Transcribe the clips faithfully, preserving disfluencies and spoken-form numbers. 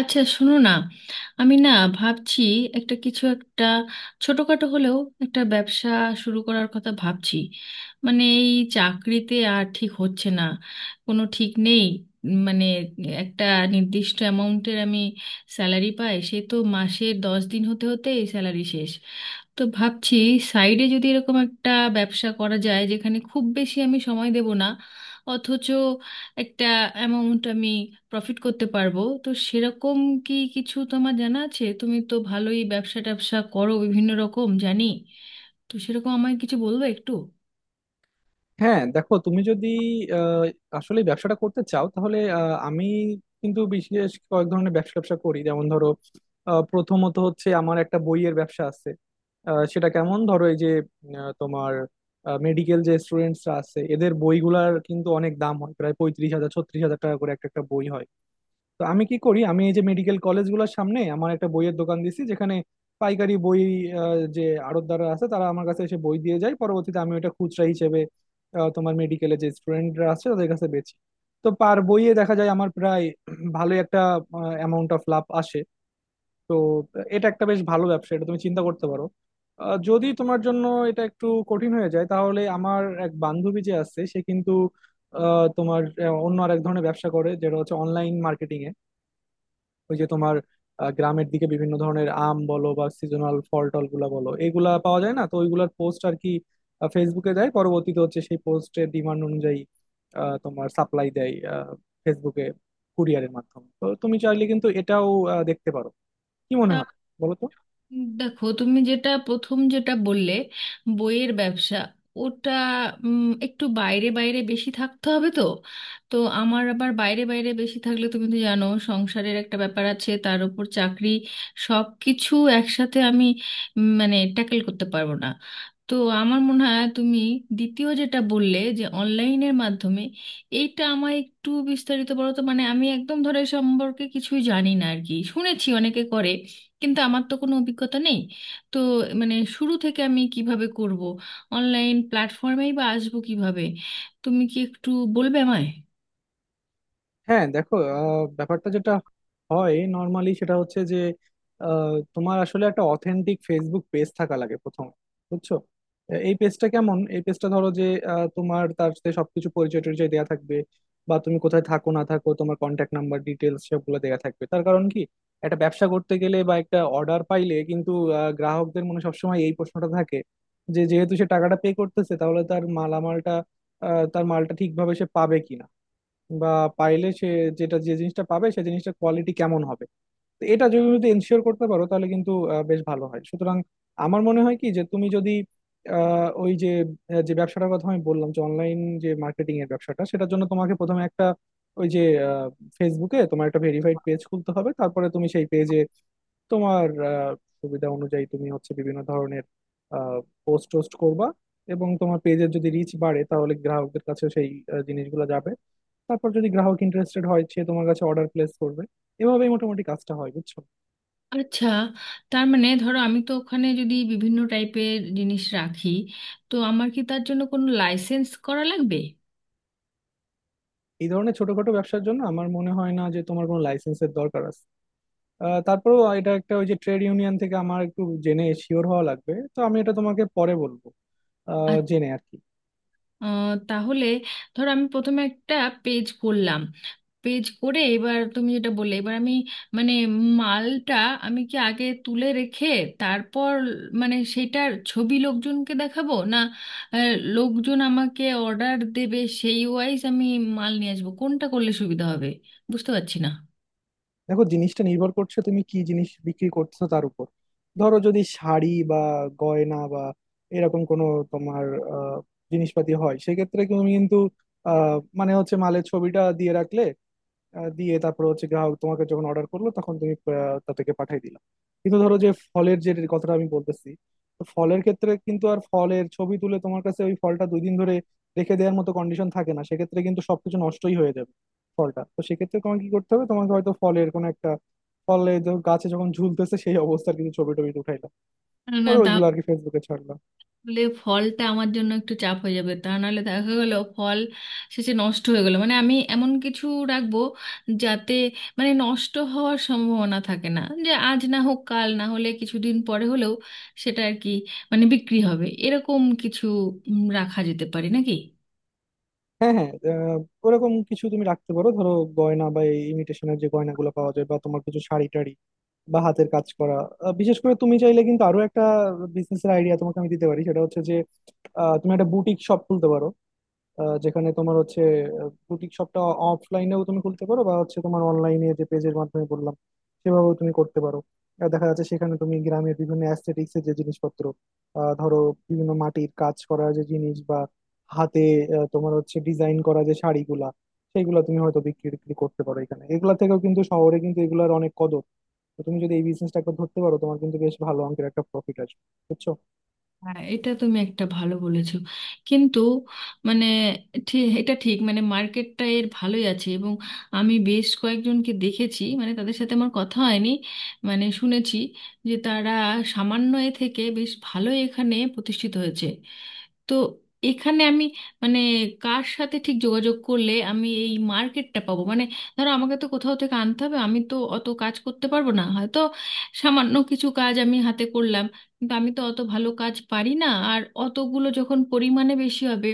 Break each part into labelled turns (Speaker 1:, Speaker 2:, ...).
Speaker 1: আচ্ছা, শোনো না, আমি না ভাবছি একটা কিছু, একটা ছোটখাটো হলেও একটা ব্যবসা শুরু করার কথা ভাবছি। মানে এই চাকরিতে আর ঠিক হচ্ছে না, কোনো ঠিক নেই। উম, মানে একটা নির্দিষ্ট অ্যামাউন্টের আমি স্যালারি পাই, সে তো মাসে দশ দিন হতে হতে এই স্যালারি শেষ। তো ভাবছি সাইডে যদি এরকম একটা ব্যবসা করা যায় যেখানে খুব বেশি আমি সময় দেব না, অথচ একটা অ্যামাউন্ট আমি প্রফিট করতে পারবো, তো সেরকম কি কিছু তোমার জানা আছে? তুমি তো ভালোই ব্যবসা ট্যাবসা করো, বিভিন্ন রকম জানি। তো সেরকম আমায় কিছু বলবে একটু।
Speaker 2: হ্যাঁ, দেখো তুমি যদি আহ, আসলে ব্যবসাটা করতে চাও তাহলে আহ, আমি কিন্তু বিশেষ কয়েক ধরনের ব্যবসা ব্যবসা করি। যেমন ধরো, আহ, প্রথমত হচ্ছে আমার একটা বইয়ের ব্যবসা আছে। আহ, সেটা কেমন? ধরো এই যে আহ, তোমার মেডিকেল যে স্টুডেন্টসরা আছে, এদের বইগুলার কিন্তু অনেক দাম হয়, প্রায় পঁয়ত্রিশ হাজার ছত্রিশ হাজার টাকা করে একটা একটা বই হয়। তো আমি কি করি, আমি এই যে মেডিকেল কলেজগুলোর সামনে আমার একটা বইয়ের দোকান দিছি, যেখানে পাইকারি বই আহ, যে আড়তদাররা আছে তারা আমার কাছে এসে বই দিয়ে যায়, পরবর্তীতে আমি ওটা খুচরা হিসেবে আহ, তোমার মেডিকেলে যে স্টুডেন্টরা আছে তাদের কাছে বেচি। তো পার বইয়ে দেখা যায় আমার প্রায় ভালো একটা অ্যামাউন্ট অফ লাভ আসে। তো এটা একটা বেশ ভালো ব্যবসা, এটা তুমি চিন্তা করতে পারো। আহ, যদি তোমার জন্য এটা একটু কঠিন হয়ে যায়, তাহলে আমার এক বান্ধবী যে আছে, সে কিন্তু আহ, তোমার আহ, অন্য আর এক ধরনের ব্যবসা করে, যেটা হচ্ছে অনলাইন মার্কেটিং এ। ওই যে তোমার আহ, গ্রামের দিকে বিভিন্ন ধরনের আম বলো বা সিজনাল ফল টল গুলা বলো, এগুলা পাওয়া যায় না, তো ওইগুলার পোস্ট আর কি আহ, ফেসবুকে দেয়, পরবর্তীতে হচ্ছে সেই পোস্টের ডিমান্ড অনুযায়ী আহ, তোমার সাপ্লাই দেয় আহ, ফেসবুকে কুরিয়ারের মাধ্যমে। তো তুমি চাইলে কিন্তু এটাও আহ, দেখতে পারো। কি মনে হয় বলো তো?
Speaker 1: দেখো, তুমি যেটা প্রথম যেটা বললে, বইয়ের ব্যবসা, ওটা উম, একটু বাইরে বাইরে বেশি থাকতে হবে তো। তো আমার আবার বাইরে বাইরে বেশি থাকলে তুমি তো জানো সংসারের একটা ব্যাপার আছে, তার উপর চাকরি, সব কিছু একসাথে আমি উম, মানে ট্যাকেল করতে পারবো না। তো আমার মনে হয় তুমি দ্বিতীয় যেটা বললে যে অনলাইনের মাধ্যমে, এইটা আমায় একটু বিস্তারিত বলো তো। মানে আমি একদম ধরে সম্পর্কে কিছুই জানি না আর কি, শুনেছি অনেকে করে, কিন্তু আমার তো কোনো অভিজ্ঞতা নেই। তো মানে শুরু থেকে আমি কিভাবে করব, অনলাইন প্ল্যাটফর্মেই বা আসবো কিভাবে, তুমি কি একটু বলবে আমায়?
Speaker 2: হ্যাঁ, দেখো আহ, ব্যাপারটা যেটা হয় নর্মালি, সেটা হচ্ছে যে আহ, তোমার আসলে একটা অথেন্টিক ফেসবুক পেজ থাকা লাগে প্রথমে, বুঝছো। আহ, এই পেজটা কেমন? এই পেজটা ধরো যে আহ, তোমার তার সাথে সবকিছু পরিচয় টরিচয় দেওয়া থাকবে, বা তুমি কোথায় থাকো না থাকো, তোমার কন্ট্যাক্ট নাম্বার ডিটেলস সবগুলো দেওয়া থাকবে। তার কারণ কি, একটা ব্যবসা করতে গেলে বা একটা অর্ডার পাইলে কিন্তু আহ, গ্রাহকদের মনে সবসময় এই প্রশ্নটা থাকে যে যেহেতু সে টাকাটা পে করতেছে, তাহলে তার মালামালটা আহ, তার মালটা ঠিকভাবে সে পাবে কিনা, বা পাইলে সে যেটা, যে জিনিসটা পাবে সে জিনিসটা কোয়ালিটি কেমন হবে। তো এটা যদি যদি এনশিওর করতে পারো তাহলে কিন্তু আহ, বেশ ভালো হয়। সুতরাং আমার মনে হয় কি, যে তুমি যদি আহ, ওই যে আহ, যে ব্যবসাটার কথা আমি বললাম, যে অনলাইন যে মার্কেটিং এর ব্যবসাটা, সেটার জন্য তোমাকে প্রথমে একটা ওই যে ফেসবুকে তোমার একটা ভেরিফাইড পেজ খুলতে হবে। তারপরে তুমি সেই পেজে তোমার আহ, সুবিধা অনুযায়ী তুমি হচ্ছে বিভিন্ন ধরনের পোস্ট টোস্ট করবা, এবং তোমার পেজের যদি রিচ বাড়ে, তাহলে গ্রাহকদের কাছে সেই আহ, জিনিসগুলো যাবে। তারপর যদি গ্রাহক ইন্টারেস্টেড হয়, সে তোমার কাছে অর্ডার প্লেস করবে। এভাবেই মোটামুটি কাজটা হয়, বুঝছো।
Speaker 1: আচ্ছা, তার মানে ধরো আমি তো ওখানে যদি বিভিন্ন টাইপের জিনিস রাখি, তো আমার কি তার জন্য কোনো লাইসেন্স করা লাগবে?
Speaker 2: এই ধরনের ছোটখাটো ব্যবসার জন্য আমার মনে হয় না যে তোমার কোনো লাইসেন্সের দরকার আছে। আহ, তারপরেও এটা একটা ওই যে ট্রেড ইউনিয়ন থেকে আমার একটু জেনে শিওর হওয়া লাগবে, তো আমি এটা তোমাকে পরে বলবো আহ, জেনে আর কি।
Speaker 1: আহ, তাহলে ধর আমি প্রথমে একটা পেজ করলাম, পেজ করে এবার তুমি যেটা বললে এবার আমি মানে মালটা আমি কি আগে তুলে রেখে তারপর মানে সেটার ছবি লোকজনকে দেখাবো, না আহ, লোকজন আমাকে অর্ডার দেবে সেই ওয়াইজ আমি মাল নিয়ে আসবো, কোনটা করলে সুবিধা হবে বুঝতে পারছি না।
Speaker 2: দেখো, জিনিসটা নির্ভর করছে তুমি কি জিনিস বিক্রি করছো তার উপর। ধরো যদি শাড়ি বা গয়না বা এরকম কোনো তোমার আহ, জিনিসপাতি হয়, সেক্ষেত্রে তুমি কিন্তু আহ, মানে হচ্ছে মালের ছবিটা দিয়ে রাখলে আহ, দিয়ে, তারপর হচ্ছে গ্রাহক তোমাকে যখন অর্ডার করলো তখন তুমি আহ, তাদেরকে পাঠিয়ে দিলা। কিন্তু ধরো যে ফলের যে কথাটা আমি বলতেছি, তো ফলের ক্ষেত্রে কিন্তু আর ফলের ছবি তুলে তোমার কাছে ওই ফলটা দুই দিন ধরে রেখে দেওয়ার মতো কন্ডিশন থাকে না, সেক্ষেত্রে কিন্তু সবকিছু নষ্টই হয়ে যাবে ফলটা। তো সেক্ষেত্রে তোমাকে কি করতে হবে, তোমাকে হয়তো ফলের কোনো একটা ফলে যখন গাছে যখন ঝুলতেছে, সেই অবস্থার কিছু ছবি টবি উঠাইলাম, পরে
Speaker 1: না,
Speaker 2: ওইগুলো আর কি ফেসবুকে ছাড়লাম।
Speaker 1: বলে ফলটা আমার জন্য একটু চাপ হয়ে যাবে, তা নাহলে দেখা গেল ফল শেষে নষ্ট হয়ে গেল। মানে আমি এমন কিছু রাখবো যাতে মানে নষ্ট হওয়ার সম্ভাবনা থাকে না, যে আজ না হোক কাল, না হলে কিছুদিন পরে হলেও সেটা আর কি মানে বিক্রি হবে, এরকম কিছু উম, রাখা যেতে পারে নাকি?
Speaker 2: হ্যাঁ, হ্যাঁ, আহ, ওরকম কিছু তুমি রাখতে পারো। ধরো গয়না বা এই ইমিটেশনের যে গয়নাগুলো পাওয়া যায়, বা তোমার কিছু শাড়ি টাড়ি বা হাতের কাজ করা আহ, বিশেষ করে তুমি চাইলে কিন্তু আরো একটা বিজনেসের আইডিয়া তোমাকে আমি দিতে পারি। সেটা হচ্ছে যে আহ, তুমি একটা বুটিক শপ খুলতে পারো। আহ, যেখানে তোমার হচ্ছে বুটিক শপটা অফলাইনেও তুমি খুলতে পারো, বা হচ্ছে তোমার অনলাইনে যে পেজের মাধ্যমে বললাম সেভাবেও তুমি করতে পারো। আর দেখা যাচ্ছে সেখানে তুমি গ্রামের বিভিন্ন অ্যাস্থেটিক্স এর যে জিনিসপত্র, আহ, ধরো বিভিন্ন মাটির কাজ করা যে জিনিস, বা হাতে আহ, তোমার হচ্ছে ডিজাইন করা যে শাড়িগুলা, সেইগুলা তুমি হয়তো বিক্রি টিক্রি করতে পারো এখানে। এগুলা থেকেও কিন্তু শহরে কিন্তু এগুলার অনেক কদর। তো তুমি যদি এই বিজনেসটা একবার ধরতে পারো, তোমার কিন্তু বেশ ভালো অঙ্কের একটা প্রফিট আসবে, বুঝছো।
Speaker 1: হ্যাঁ, এটা তুমি একটা ভালো বলেছো, কিন্তু মানে ঠি- এটা ঠিক, মানে মার্কেটটা এর ভালোই আছে, এবং আমি বেশ কয়েকজনকে দেখেছি মানে তাদের সাথে আমার কথা হয়নি, মানে শুনেছি যে তারা সামান্য এ থেকে বেশ ভালো এখানে প্রতিষ্ঠিত হয়েছে। তো এখানে আমি মানে কার সাথে ঠিক যোগাযোগ করলে আমি এই মার্কেটটা পাবো? মানে ধরো আমাকে তো কোথাও থেকে আনতে হবে, আমি তো অত কাজ করতে পারবো না হয়তো, সামান্য কিছু কাজ আমি হাতে করলাম, কিন্তু আমি তো অত ভালো কাজ পারি না, আর অতগুলো যখন পরিমাণে বেশি হবে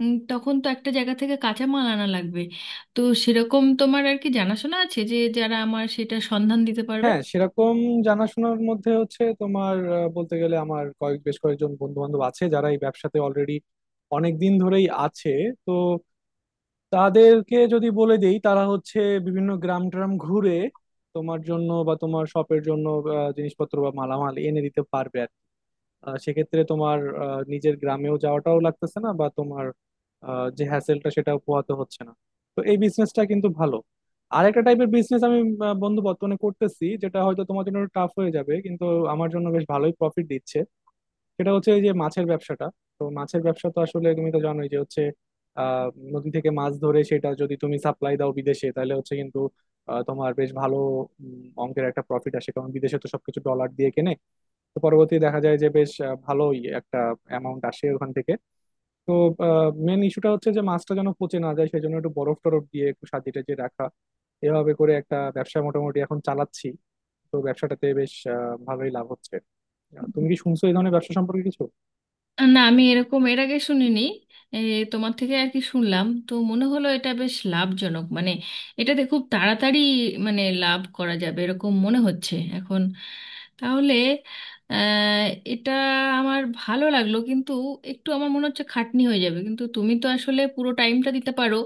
Speaker 1: উম, তখন তো একটা জায়গা থেকে কাঁচা মাল আনা লাগবে। তো সেরকম তোমার আর কি জানাশোনা আছে যে যারা আমার সেটা সন্ধান দিতে পারবে?
Speaker 2: হ্যাঁ, সেরকম জানাশোনার মধ্যে হচ্ছে তোমার আহ, বলতে গেলে আমার কয়েক বেশ কয়েকজন বন্ধু বান্ধব আছে যারা এই ব্যবসাতে অলরেডি অনেক দিন ধরেই আছে। তো তাদেরকে যদি বলে দেই, তারা হচ্ছে বিভিন্ন গ্রাম ট্রাম ঘুরে তোমার জন্য বা তোমার শপের জন্য আহ, জিনিসপত্র বা মালামাল এনে দিতে পারবে আর কি। আহ, সেক্ষেত্রে তোমার আহ, নিজের গ্রামেও যাওয়াটাও লাগতেছে না, বা তোমার আহ, যে হ্যাসেলটা সেটাও পোহাতে হচ্ছে না। তো এই বিজনেসটা কিন্তু ভালো। আর একটা টাইপের বিজনেস আমি আহ, বন্ধু বর্তমানে করতেছি, যেটা হয়তো তোমার জন্য টাফ হয়ে যাবে, কিন্তু আমার জন্য বেশ ভালোই প্রফিট দিচ্ছে। সেটা হচ্ছে এই যে মাছের ব্যবসাটা। তো মাছের ব্যবসা তো আসলে তুমি তো জানোই যে হচ্ছে আহ নদী থেকে মাছ ধরে সেটা যদি তুমি সাপ্লাই দাও বিদেশে, তাহলে হচ্ছে কিন্তু আহ, তোমার বেশ ভালো উম, অঙ্কের একটা প্রফিট আসে, কারণ বিদেশে তো সবকিছু ডলার দিয়ে কেনে। তো পরবর্তী দেখা যায় যে বেশ আহ, ভালোই একটা অ্যামাউন্ট আসে ওখান থেকে। তো মেন ইস্যুটা হচ্ছে যে মাছটা যেন পচে না যায়, সেই জন্য একটু বরফ টরফ দিয়ে একটু সাজিয়ে টাজিয়ে রাখা। এভাবে করে একটা ব্যবসা মোটামুটি এখন চালাচ্ছি। তো ব্যবসাটাতে বেশ আহ, ভালোই লাভ হচ্ছে। আহ, তুমি কি শুনছো এই ধরনের ব্যবসা সম্পর্কে কিছু?
Speaker 1: না, আমি এরকম এর আগে শুনিনি। এ, তোমার থেকে আর কি শুনলাম তো মনে হলো এটা বেশ লাভজনক, মানে এটাতে খুব তাড়াতাড়ি মানে লাভ করা যাবে এরকম মনে হচ্ছে এখন। তাহলে আহ, এটা আমার ভালো লাগলো, কিন্তু একটু আমার মনে হচ্ছে খাটনি হয়ে যাবে। কিন্তু তুমি তো আসলে পুরো টাইমটা দিতে পারো,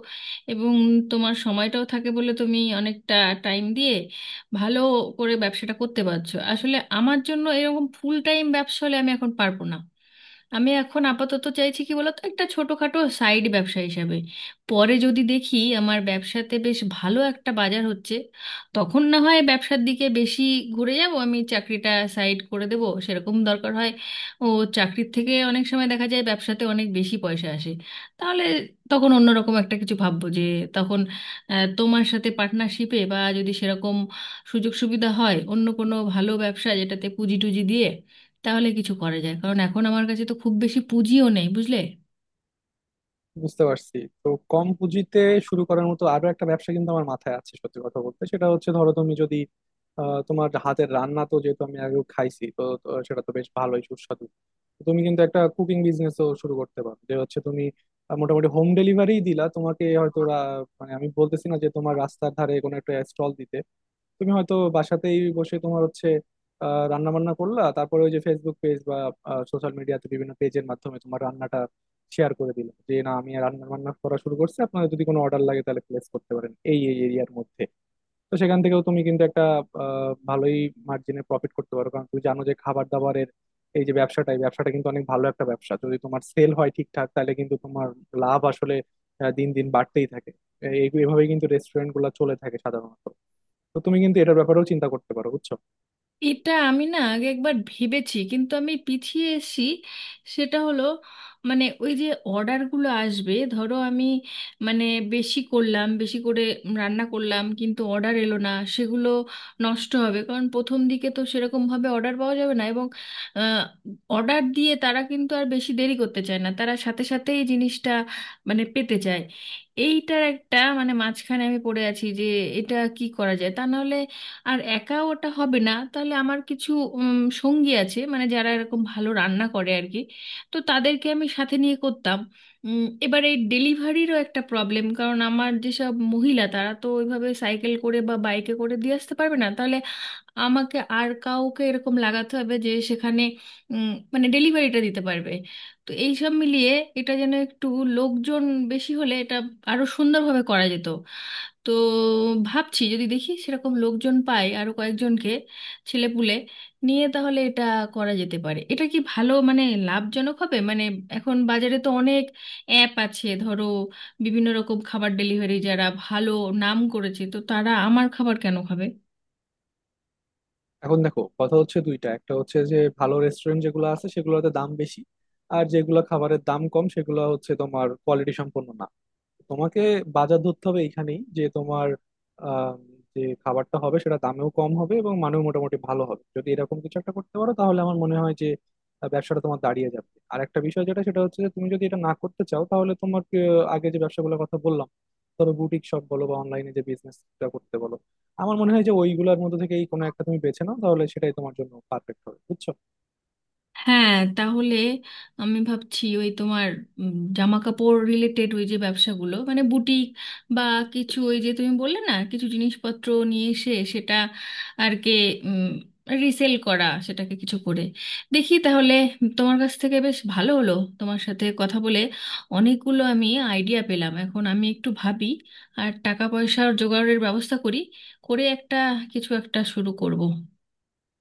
Speaker 1: এবং তোমার সময়টাও থাকে বলে তুমি অনেকটা টাইম দিয়ে ভালো করে ব্যবসাটা করতে পারছো। আসলে আমার জন্য এরকম ফুল টাইম ব্যবসা হলে আমি এখন পারবো না। আমি এখন আপাতত চাইছি কি বলতো, একটা ছোটখাটো সাইড ব্যবসা হিসাবে, পরে যদি দেখি আমার ব্যবসাতে বেশ ভালো একটা বাজার হচ্ছে, তখন না হয় ব্যবসার দিকে বেশি ঘুরে যাব, আমি চাকরিটা সাইড করে দেব সেরকম দরকার হয়। ও, চাকরির থেকে অনেক সময় দেখা যায় ব্যবসাতে অনেক বেশি পয়সা আসে, তাহলে তখন অন্যরকম একটা কিছু ভাববো যে তখন আহ, তোমার সাথে পার্টনারশিপে, বা যদি সেরকম সুযোগ সুবিধা হয় অন্য কোনো ভালো ব্যবসা যেটাতে পুঁজি টুজি দিয়ে তাহলে কিছু করা যায়, কারণ এখন আমার কাছে তো খুব বেশি পুঁজিও নেই, বুঝলে?
Speaker 2: বুঝতে পারছি। তো কম পুঁজিতে শুরু করার মতো আরো একটা ব্যবসা কিন্তু আমার মাথায় আছে, সত্যি কথা বলতে। সেটা হচ্ছে, ধরো তুমি যদি আহ, তোমার হাতের রান্না তো যেহেতু আমি আগেও খাইছি, তো তো সেটা তো বেশ ভালোই সুস্বাদু। তো তুমি কিন্তু একটা কুকিং বিজনেসও শুরু করতে পারো। যে হচ্ছে তুমি আহ, মোটামুটি হোম ডেলিভারি দিলা। তোমাকে হয়তো রা- মানে আমি বলতেছি না যে তোমার রাস্তার ধারে কোনো একটা স্টল দিতে, তুমি হয়তো বাসাতেই বসে তোমার হচ্ছে রান্না বান্না করলা, তারপরে ওই যে ফেসবুক পেজ বা সোশ্যাল মিডিয়াতে বিভিন্ন পেজের মাধ্যমে তোমার রান্নাটা শেয়ার করে দিলে যে না আমি রান্না বান্না করা শুরু করছি, আপনারা যদি কোনো অর্ডার লাগে তাহলে প্লেস করতে পারেন এই এই এরিয়ার মধ্যে। তো সেখান থেকেও তুমি কিন্তু একটা আহ, ভালোই মার্জিনে প্রফিট করতে পারো, কারণ তুমি জানো যে খাবার দাবারের এই যে ব্যবসাটা, এই ব্যবসাটা কিন্তু অনেক ভালো একটা ব্যবসা। যদি তোমার সেল হয় ঠিকঠাক তাহলে কিন্তু তোমার লাভ আসলে আহ, দিন দিন বাড়তেই থাকে। এই এইভাবেই কিন্তু রেস্টুরেন্ট গুলো চলে থাকে সাধারণত। তো তুমি কিন্তু এটার ব্যাপারেও চিন্তা করতে পারো, বুঝছো।
Speaker 1: এটা আমি না আগে একবার ভেবেছি, কিন্তু আমি পিছিয়ে এসেছি। সেটা হলো মানে ওই যে অর্ডারগুলো আসবে, ধরো আমি মানে বেশি করলাম, বেশি করে রান্না করলাম কিন্তু অর্ডার এলো না, সেগুলো নষ্ট হবে, কারণ প্রথম দিকে তো সেরকমভাবে অর্ডার পাওয়া যাবে না, এবং অর্ডার দিয়ে তারা কিন্তু আর বেশি দেরি করতে চায় না, তারা সাথে সাথেই জিনিসটা মানে পেতে চায়। এইটার একটা মানে মাঝখানে আমি পড়ে আছি যে এটা কি করা যায়, তা নাহলে আর একা ওটা হবে না। তাহলে আমার কিছু উম, সঙ্গী আছে মানে যারা এরকম ভালো রান্না করে আর কি, তো তাদেরকে আমি সাথে নিয়ে করতাম। উম, এবার এই ডেলিভারিরও একটা প্রবলেম, কারণ আমার যেসব মহিলা, তারা তো ওইভাবে সাইকেল করে বা বাইকে করে দিয়ে আসতে পারবে না, তাহলে আমাকে আর কাউকে এরকম লাগাতে হবে যে সেখানে উম, মানে ডেলিভারিটা দিতে পারবে। তো এই সব মিলিয়ে এটা যেন একটু, লোকজন বেশি হলে এটা আরো সুন্দরভাবে করা যেত। তো ভাবছি যদি দেখি সেরকম লোকজন পাই আরো কয়েকজনকে, ছেলেপুলে নিয়ে, তাহলে এটা করা যেতে পারে। এটা কি ভালো মানে লাভজনক হবে মানে এখন বাজারে তো অনেক অ্যাপ আছে ধরো, বিভিন্ন রকম খাবার ডেলিভারি যারা ভালো নাম করেছে, তো তারা আমার খাবার কেন খাবে?
Speaker 2: এখন দেখো, কথা হচ্ছে দুইটা। একটা হচ্ছে যে ভালো রেস্টুরেন্ট যেগুলো আছে সেগুলোতে দাম বেশি, আর যেগুলো খাবারের দাম কম সেগুলো হচ্ছে তোমার কোয়ালিটি সম্পন্ন না। তোমাকে বাজার ধরতে হবে এইখানেই, যে তোমার আম, যে খাবারটা হবে সেটা দামেও কম হবে এবং মানেও মোটামুটি ভালো হবে। যদি এরকম কিছু একটা করতে পারো, তাহলে আমার মনে হয় যে আহ, ব্যবসাটা তোমার দাঁড়িয়ে যাবে। আর একটা বিষয় যেটা, সেটা হচ্ছে যে তুমি যদি এটা না করতে চাও, তাহলে তোমার আহ, আগে যে ব্যবসাগুলোর কথা বললাম, ধরো বুটিক শপ বলো বা অনলাইনে যে বিজনেসটা করতে বলো, আমার মনে হয় যে ওইগুলোর মধ্যে থেকেই কোনো একটা তুমি বেছে নাও, তাহলে সেটাই তোমার জন্য পারফেক্ট হবে, বুঝছো।
Speaker 1: হ্যাঁ, তাহলে আমি ভাবছি ওই তোমার জামা কাপড় রিলেটেড ওই যে ব্যবসাগুলো মানে বুটিক, বা কিছু ওই যে তুমি বললে না কিছু জিনিসপত্র নিয়ে এসে সেটা আর কে রিসেল করা, সেটাকে কিছু করে দেখি তাহলে। তোমার কাছ থেকে বেশ ভালো হলো, তোমার সাথে কথা বলে অনেকগুলো আমি আইডিয়া পেলাম। এখন আমি একটু ভাবি আর টাকা পয়সার জোগাড়ের ব্যবস্থা করি, করে একটা কিছু একটা শুরু করব।